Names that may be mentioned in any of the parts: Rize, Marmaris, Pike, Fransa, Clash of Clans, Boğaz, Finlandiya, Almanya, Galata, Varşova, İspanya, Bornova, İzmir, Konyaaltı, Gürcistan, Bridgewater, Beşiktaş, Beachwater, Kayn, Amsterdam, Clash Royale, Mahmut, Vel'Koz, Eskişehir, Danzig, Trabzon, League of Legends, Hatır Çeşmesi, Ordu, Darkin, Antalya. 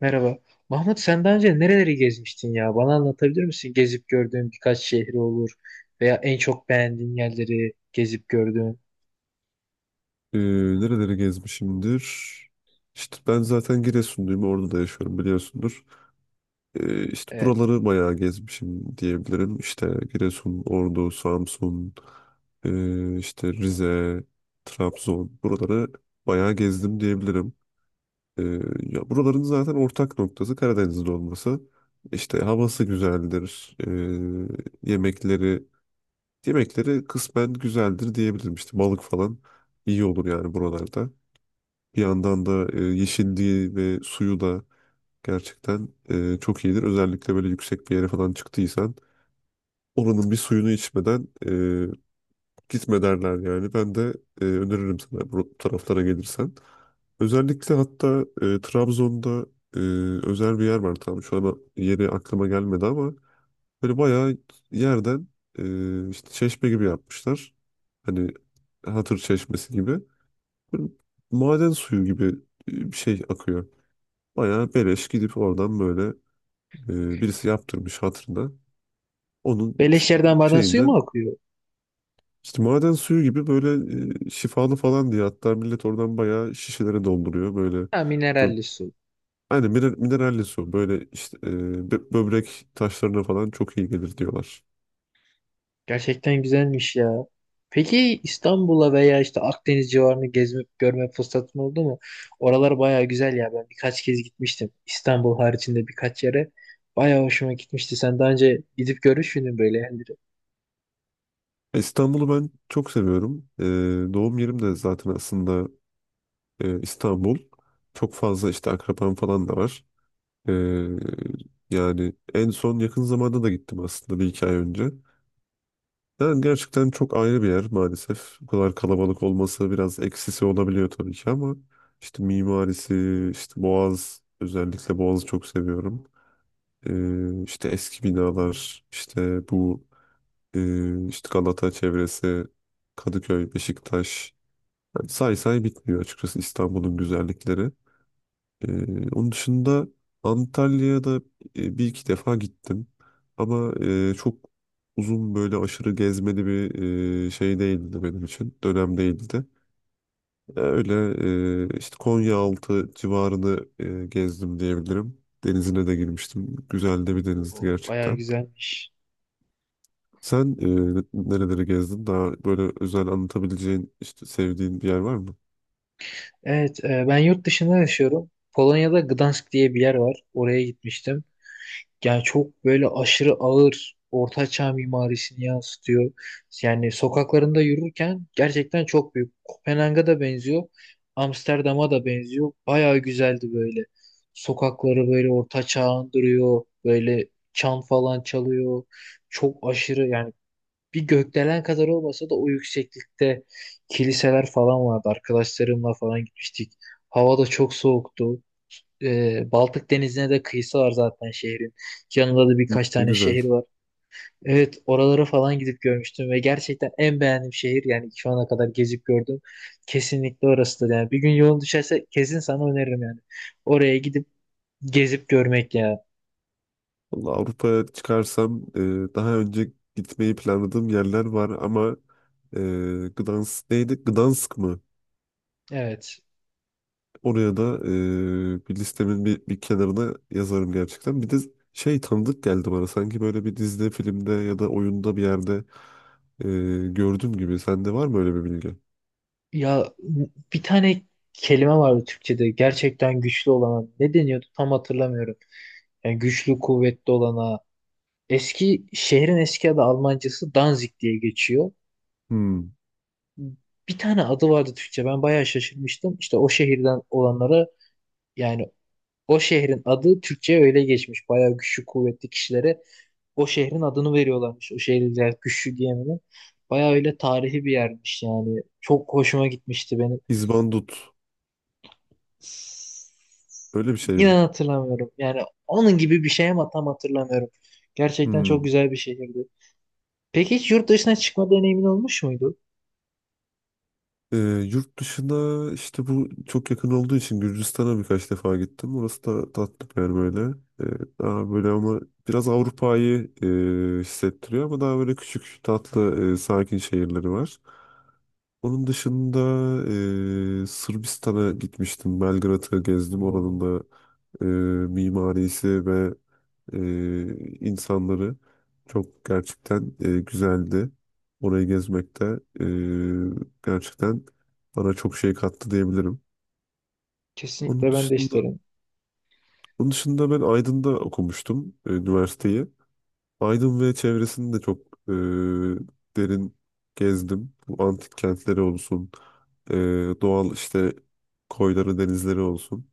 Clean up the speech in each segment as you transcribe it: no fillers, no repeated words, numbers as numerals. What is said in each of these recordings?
Merhaba. Mahmut sen daha önce nereleri gezmiştin ya? Bana anlatabilir misin? Gezip gördüğün birkaç şehri olur veya en çok beğendiğin yerleri gezip gördüğün. Ee, Nereleri gezmişimdir? İşte ben zaten Giresunluyum. Orada da yaşıyorum biliyorsundur. İşte Evet. buraları bayağı gezmişim diyebilirim. İşte Giresun, Ordu, Samsun, işte Rize, Trabzon. Buraları bayağı gezdim diyebilirim. Ee, Ya buraların zaten ortak noktası Karadeniz'de olması. İşte havası güzeldir. Yemekleri kısmen güzeldir diyebilirim. İşte balık falan iyi olur yani buralarda. Bir yandan da yeşilliği ve suyu da gerçekten çok iyidir. Özellikle böyle yüksek bir yere falan çıktıysan oranın bir suyunu içmeden gitme derler yani. Ben de öneririm sana bu taraflara gelirsen. Özellikle hatta Trabzon'da e, özel bir yer var, tamam şu an yeri aklıma gelmedi ama böyle bayağı yerden işte çeşme gibi yapmışlar. Hani Hatır Çeşmesi gibi. Böyle maden suyu gibi bir şey akıyor. Bayağı beleş gidip oradan böyle birisi yaptırmış hatırına. Onun ş- Beleş yerden maden suyu şeyinde mu akıyor? işte maden suyu gibi böyle şifalı falan diye hatta millet oradan bayağı şişelere dolduruyor. Ha, bö- mineralli su. aynen mineralli su böyle işte böbrek taşlarına falan çok iyi gelir diyorlar. Gerçekten güzelmiş ya. Peki İstanbul'a veya işte Akdeniz civarını gezme, görme fırsatın oldu mu? Oralar baya güzel ya. Ben birkaç kez gitmiştim. İstanbul haricinde birkaç yere. Baya hoşuma gitmişti. Sen daha önce gidip görmüş müydün böyle yerleri? İstanbul'u ben çok seviyorum. Doğum yerim de zaten aslında İstanbul. Çok fazla işte akrabam falan da var. Ee, Yani en son yakın zamanda da gittim aslında bir iki ay önce. Yani gerçekten çok ayrı bir yer maalesef. Bu kadar kalabalık olması biraz eksisi olabiliyor tabii ki ama işte mimarisi, işte Boğaz, özellikle Boğaz'ı çok seviyorum. İşte eski binalar, işte bu işte Galata çevresi, Kadıköy, Beşiktaş. Yani say say bitmiyor açıkçası İstanbul'un güzellikleri. Onun dışında Antalya'ya da bir iki defa gittim. Ama çok uzun böyle aşırı gezmeli bir şey değildi benim için. Dönem değildi. Öyle işte Konyaaltı civarını gezdim diyebilirim. Denizine de girmiştim. Güzel de bir denizdi O baya gerçekten. güzelmiş. Sen nereleri gezdin? Daha böyle özel anlatabileceğin, işte sevdiğin bir yer var mı? Evet, ben yurt dışında yaşıyorum. Polonya'da Gdansk diye bir yer var. Oraya gitmiştim. Yani çok böyle aşırı ağır ortaçağ mimarisini yansıtıyor. Yani sokaklarında yürürken gerçekten çok büyük. Kopenhag'a da benziyor. Amsterdam'a da benziyor. Bayağı güzeldi böyle. Sokakları böyle ortaçağ andırıyor. Böyle çan falan çalıyor. Çok aşırı yani bir gökdelen kadar olmasa da o yükseklikte kiliseler falan vardı. Arkadaşlarımla falan gitmiştik. Hava da çok soğuktu. Baltık Denizi'ne de kıyısı var zaten şehrin. Yanında da birkaç Ne tane güzel. şehir var. Evet, oralara falan gidip görmüştüm ve gerçekten en beğendiğim şehir yani şu ana kadar gezip gördüm. Kesinlikle orasıdır yani. Bir gün yolun düşerse kesin sana öneririm yani. Oraya gidip gezip görmek ya. Vallahi Avrupa'ya çıkarsam daha önce gitmeyi planladığım yerler var ama e, Gdansk neydi? Gdansk mı? Evet. Oraya da bir listemin bir kenarına yazarım gerçekten. Bir de şey tanıdık geldi bana. Sanki böyle bir dizide, filmde ya da oyunda bir yerde e, gördüğüm gibi. Sende var mı öyle bir bilgi? Ya bir tane kelime vardı Türkçe'de gerçekten güçlü olana ne deniyordu tam hatırlamıyorum. Yani güçlü kuvvetli olana eski şehrin eski adı Almancası Danzig diye geçiyor. Hmm. Bir tane adı vardı Türkçe ben bayağı şaşırmıştım. İşte o şehirden olanlara yani o şehrin adı Türkçe'ye öyle geçmiş. Bayağı güçlü kuvvetli kişilere o şehrin adını veriyorlarmış. O şehirler güçlü diye mi ne? Bayağı öyle tarihi bir yermiş yani. Çok hoşuma gitmişti benim. İzbandut. Öyle bir şey mi? İnan hatırlamıyorum. Yani onun gibi bir şey ama tam hatırlamıyorum. Gerçekten çok Hmm. güzel bir şehirdi. Peki hiç yurt dışına çıkma deneyimin olmuş muydu? Ee, Yurt dışına işte bu çok yakın olduğu için Gürcistan'a birkaç defa gittim. Orası da tatlı bir yer böyle. Ee, Daha böyle ama biraz Avrupa'yı hissettiriyor ama daha böyle küçük tatlı sakin şehirleri var. Onun dışında Sırbistan'a gitmiştim. Belgrad'ı gezdim. Oranın Oo, da e, mimarisi ve e, insanları. Çok gerçekten güzeldi. Orayı gezmek de gerçekten bana çok şey kattı diyebilirim. Onun kesinlikle ben de dışında isterim. onun dışında ben Aydın'da okumuştum üniversiteyi. Aydın ve çevresini de çok e, derin gezdim. Bu antik kentleri olsun, e, doğal işte koyları, denizleri olsun.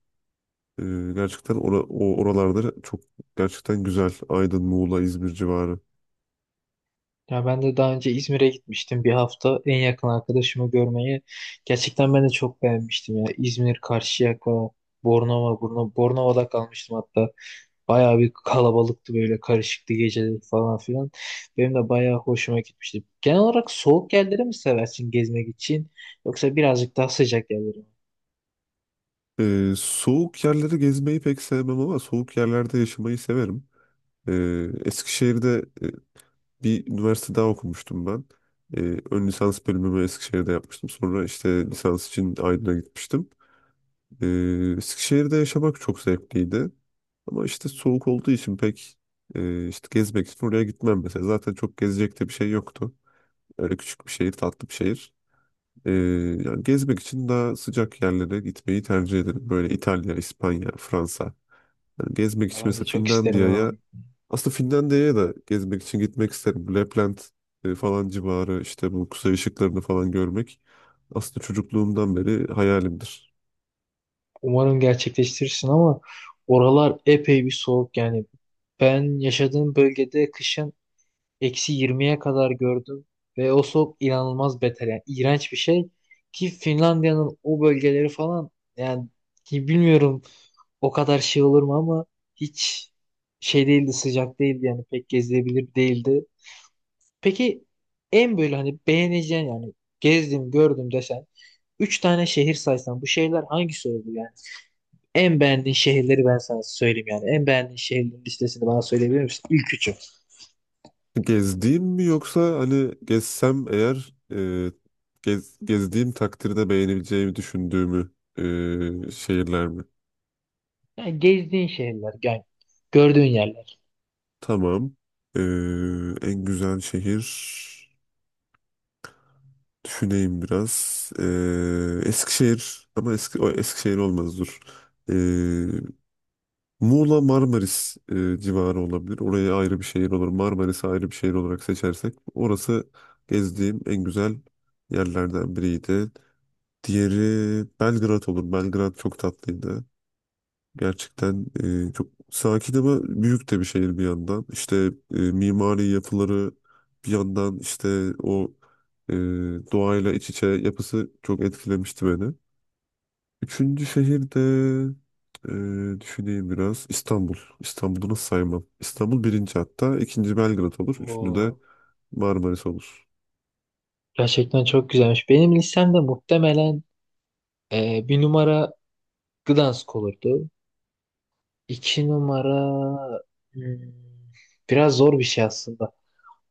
E, Gerçekten o oralarda çok gerçekten güzel. Aydın, Muğla, İzmir civarı. Ya ben de daha önce İzmir'e gitmiştim bir hafta en yakın arkadaşımı görmeye. Gerçekten ben de çok beğenmiştim ya. İzmir, Karşıyaka, Bornova'da kalmıştım hatta. Bayağı bir kalabalıktı böyle karışıktı geceleri falan filan. Benim de bayağı hoşuma gitmişti. Genel olarak soğuk yerleri mi seversin gezmek için yoksa birazcık daha sıcak yerleri mi? Soğuk yerleri gezmeyi pek sevmem ama soğuk yerlerde yaşamayı severim. Eskişehir'de bir üniversite daha okumuştum ben. Ön lisans bölümümü Eskişehir'de yapmıştım. Sonra işte lisans için Aydın'a gitmiştim. Eskişehir'de yaşamak çok zevkliydi. Ama işte soğuk olduğu için pek işte gezmek için oraya gitmem mesela. Zaten çok gezecek de bir şey yoktu. Öyle küçük bir şehir, tatlı bir şehir. Ee, Yani gezmek için daha sıcak yerlere gitmeyi tercih ederim. Böyle İtalya, İspanya, Fransa. Yani gezmek Ya için ben de mesela çok isterim Finlandiya'ya oraları. aslında Finlandiya'ya da gezmek için gitmek isterim. Lapland falan civarı işte bu kuzey ışıklarını falan görmek aslında çocukluğumdan beri hayalimdir. Umarım gerçekleştirirsin ama oralar epey bir soğuk yani. Ben yaşadığım bölgede kışın -20'ye kadar gördüm ve o soğuk inanılmaz beter yani iğrenç bir şey ki Finlandiya'nın o bölgeleri falan yani ki bilmiyorum o kadar şey olur mu ama hiç şey değildi, sıcak değildi yani pek gezilebilir değildi. Peki en böyle hani beğeneceğin yani gezdim gördüm desen üç tane şehir saysan bu şehirler hangisi oldu yani? En beğendiğin şehirleri ben sana söyleyeyim yani. En beğendiğin şehirlerin listesini bana söyleyebilir misin? İlk üçü. Gezdiğim mi yoksa hani gezsem eğer gezdiğim takdirde beğenebileceğimi düşündüğümü şehirler mi? Yani gezdiğin şehirler yani gördüğün yerler. Tamam. E, en güzel şehir. Düşüneyim biraz. Eskişehir ama eski, o Eskişehir olmaz dur. Ee, Muğla Marmaris civarı olabilir. Oraya ayrı bir şehir olur. Marmaris'i ayrı bir şehir olarak seçersek. Orası gezdiğim en güzel yerlerden biriydi. Diğeri Belgrad olur. Belgrad çok tatlıydı. Gerçekten çok sakin ama büyük de bir şehir bir yandan. İşte mimari yapıları bir yandan işte o e, doğayla iç içe yapısı çok etkilemişti beni. Üçüncü şehirde düşüneyim biraz. İstanbul. İstanbul'u nasıl saymam? İstanbul birinci hatta. İkinci Belgrad olur. Üçüncü de Oo, Marmaris olur. gerçekten çok güzelmiş. Benim listemde muhtemelen bir numara Gdansk olurdu. İki numara hmm, biraz zor bir şey aslında.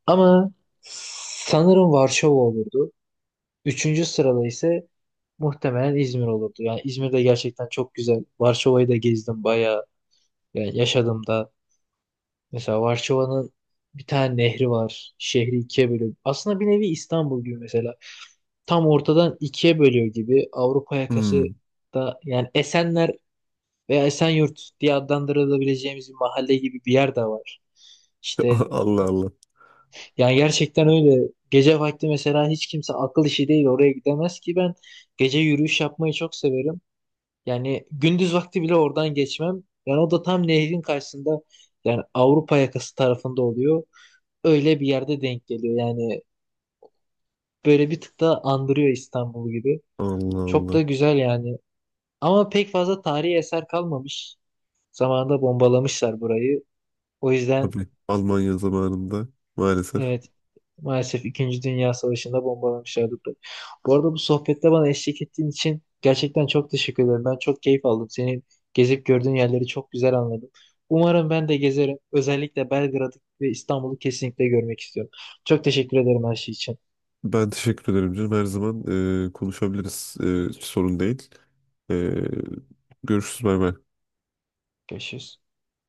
Ama sanırım Varşova olurdu. Üçüncü sırada ise muhtemelen İzmir olurdu. Yani İzmir'de gerçekten çok güzel. Varşova'yı da gezdim bayağı. Yani yaşadım da. Mesela Varşova'nın bir tane nehri var. Şehri ikiye bölüyor. Aslında bir nevi İstanbul gibi mesela. Tam ortadan ikiye bölüyor gibi. Avrupa yakası Hmm. da yani Esenler veya Esenyurt diye adlandırılabileceğimiz bir mahalle gibi bir yer de var. İşte Allah Allah. yani gerçekten öyle. Gece vakti mesela hiç kimse akıl işi değil oraya gidemez ki ben gece yürüyüş yapmayı çok severim. Yani gündüz vakti bile oradan geçmem. Yani o da tam nehrin karşısında yani Avrupa yakası tarafında oluyor. Öyle bir yerde denk geliyor. Yani böyle bir tık da andırıyor İstanbul gibi. Allah Çok Allah. da güzel yani. Ama pek fazla tarihi eser kalmamış. Zamanında bombalamışlar burayı. O yüzden. Tabii Almanya zamanında maalesef. Evet. Maalesef İkinci Dünya Savaşı'nda bombalamışlardı. Bu arada bu sohbette bana eşlik ettiğin için gerçekten çok teşekkür ederim. Ben çok keyif aldım. Senin gezip gördüğün yerleri çok güzel anladım. Umarım ben de gezerim. Özellikle Belgrad'ı ve İstanbul'u kesinlikle görmek istiyorum. Çok teşekkür ederim her şey için. Ben teşekkür ederim canım. Her zaman konuşabiliriz. Hiç sorun değil. E, görüşürüz. Bay bay. Görüşürüz.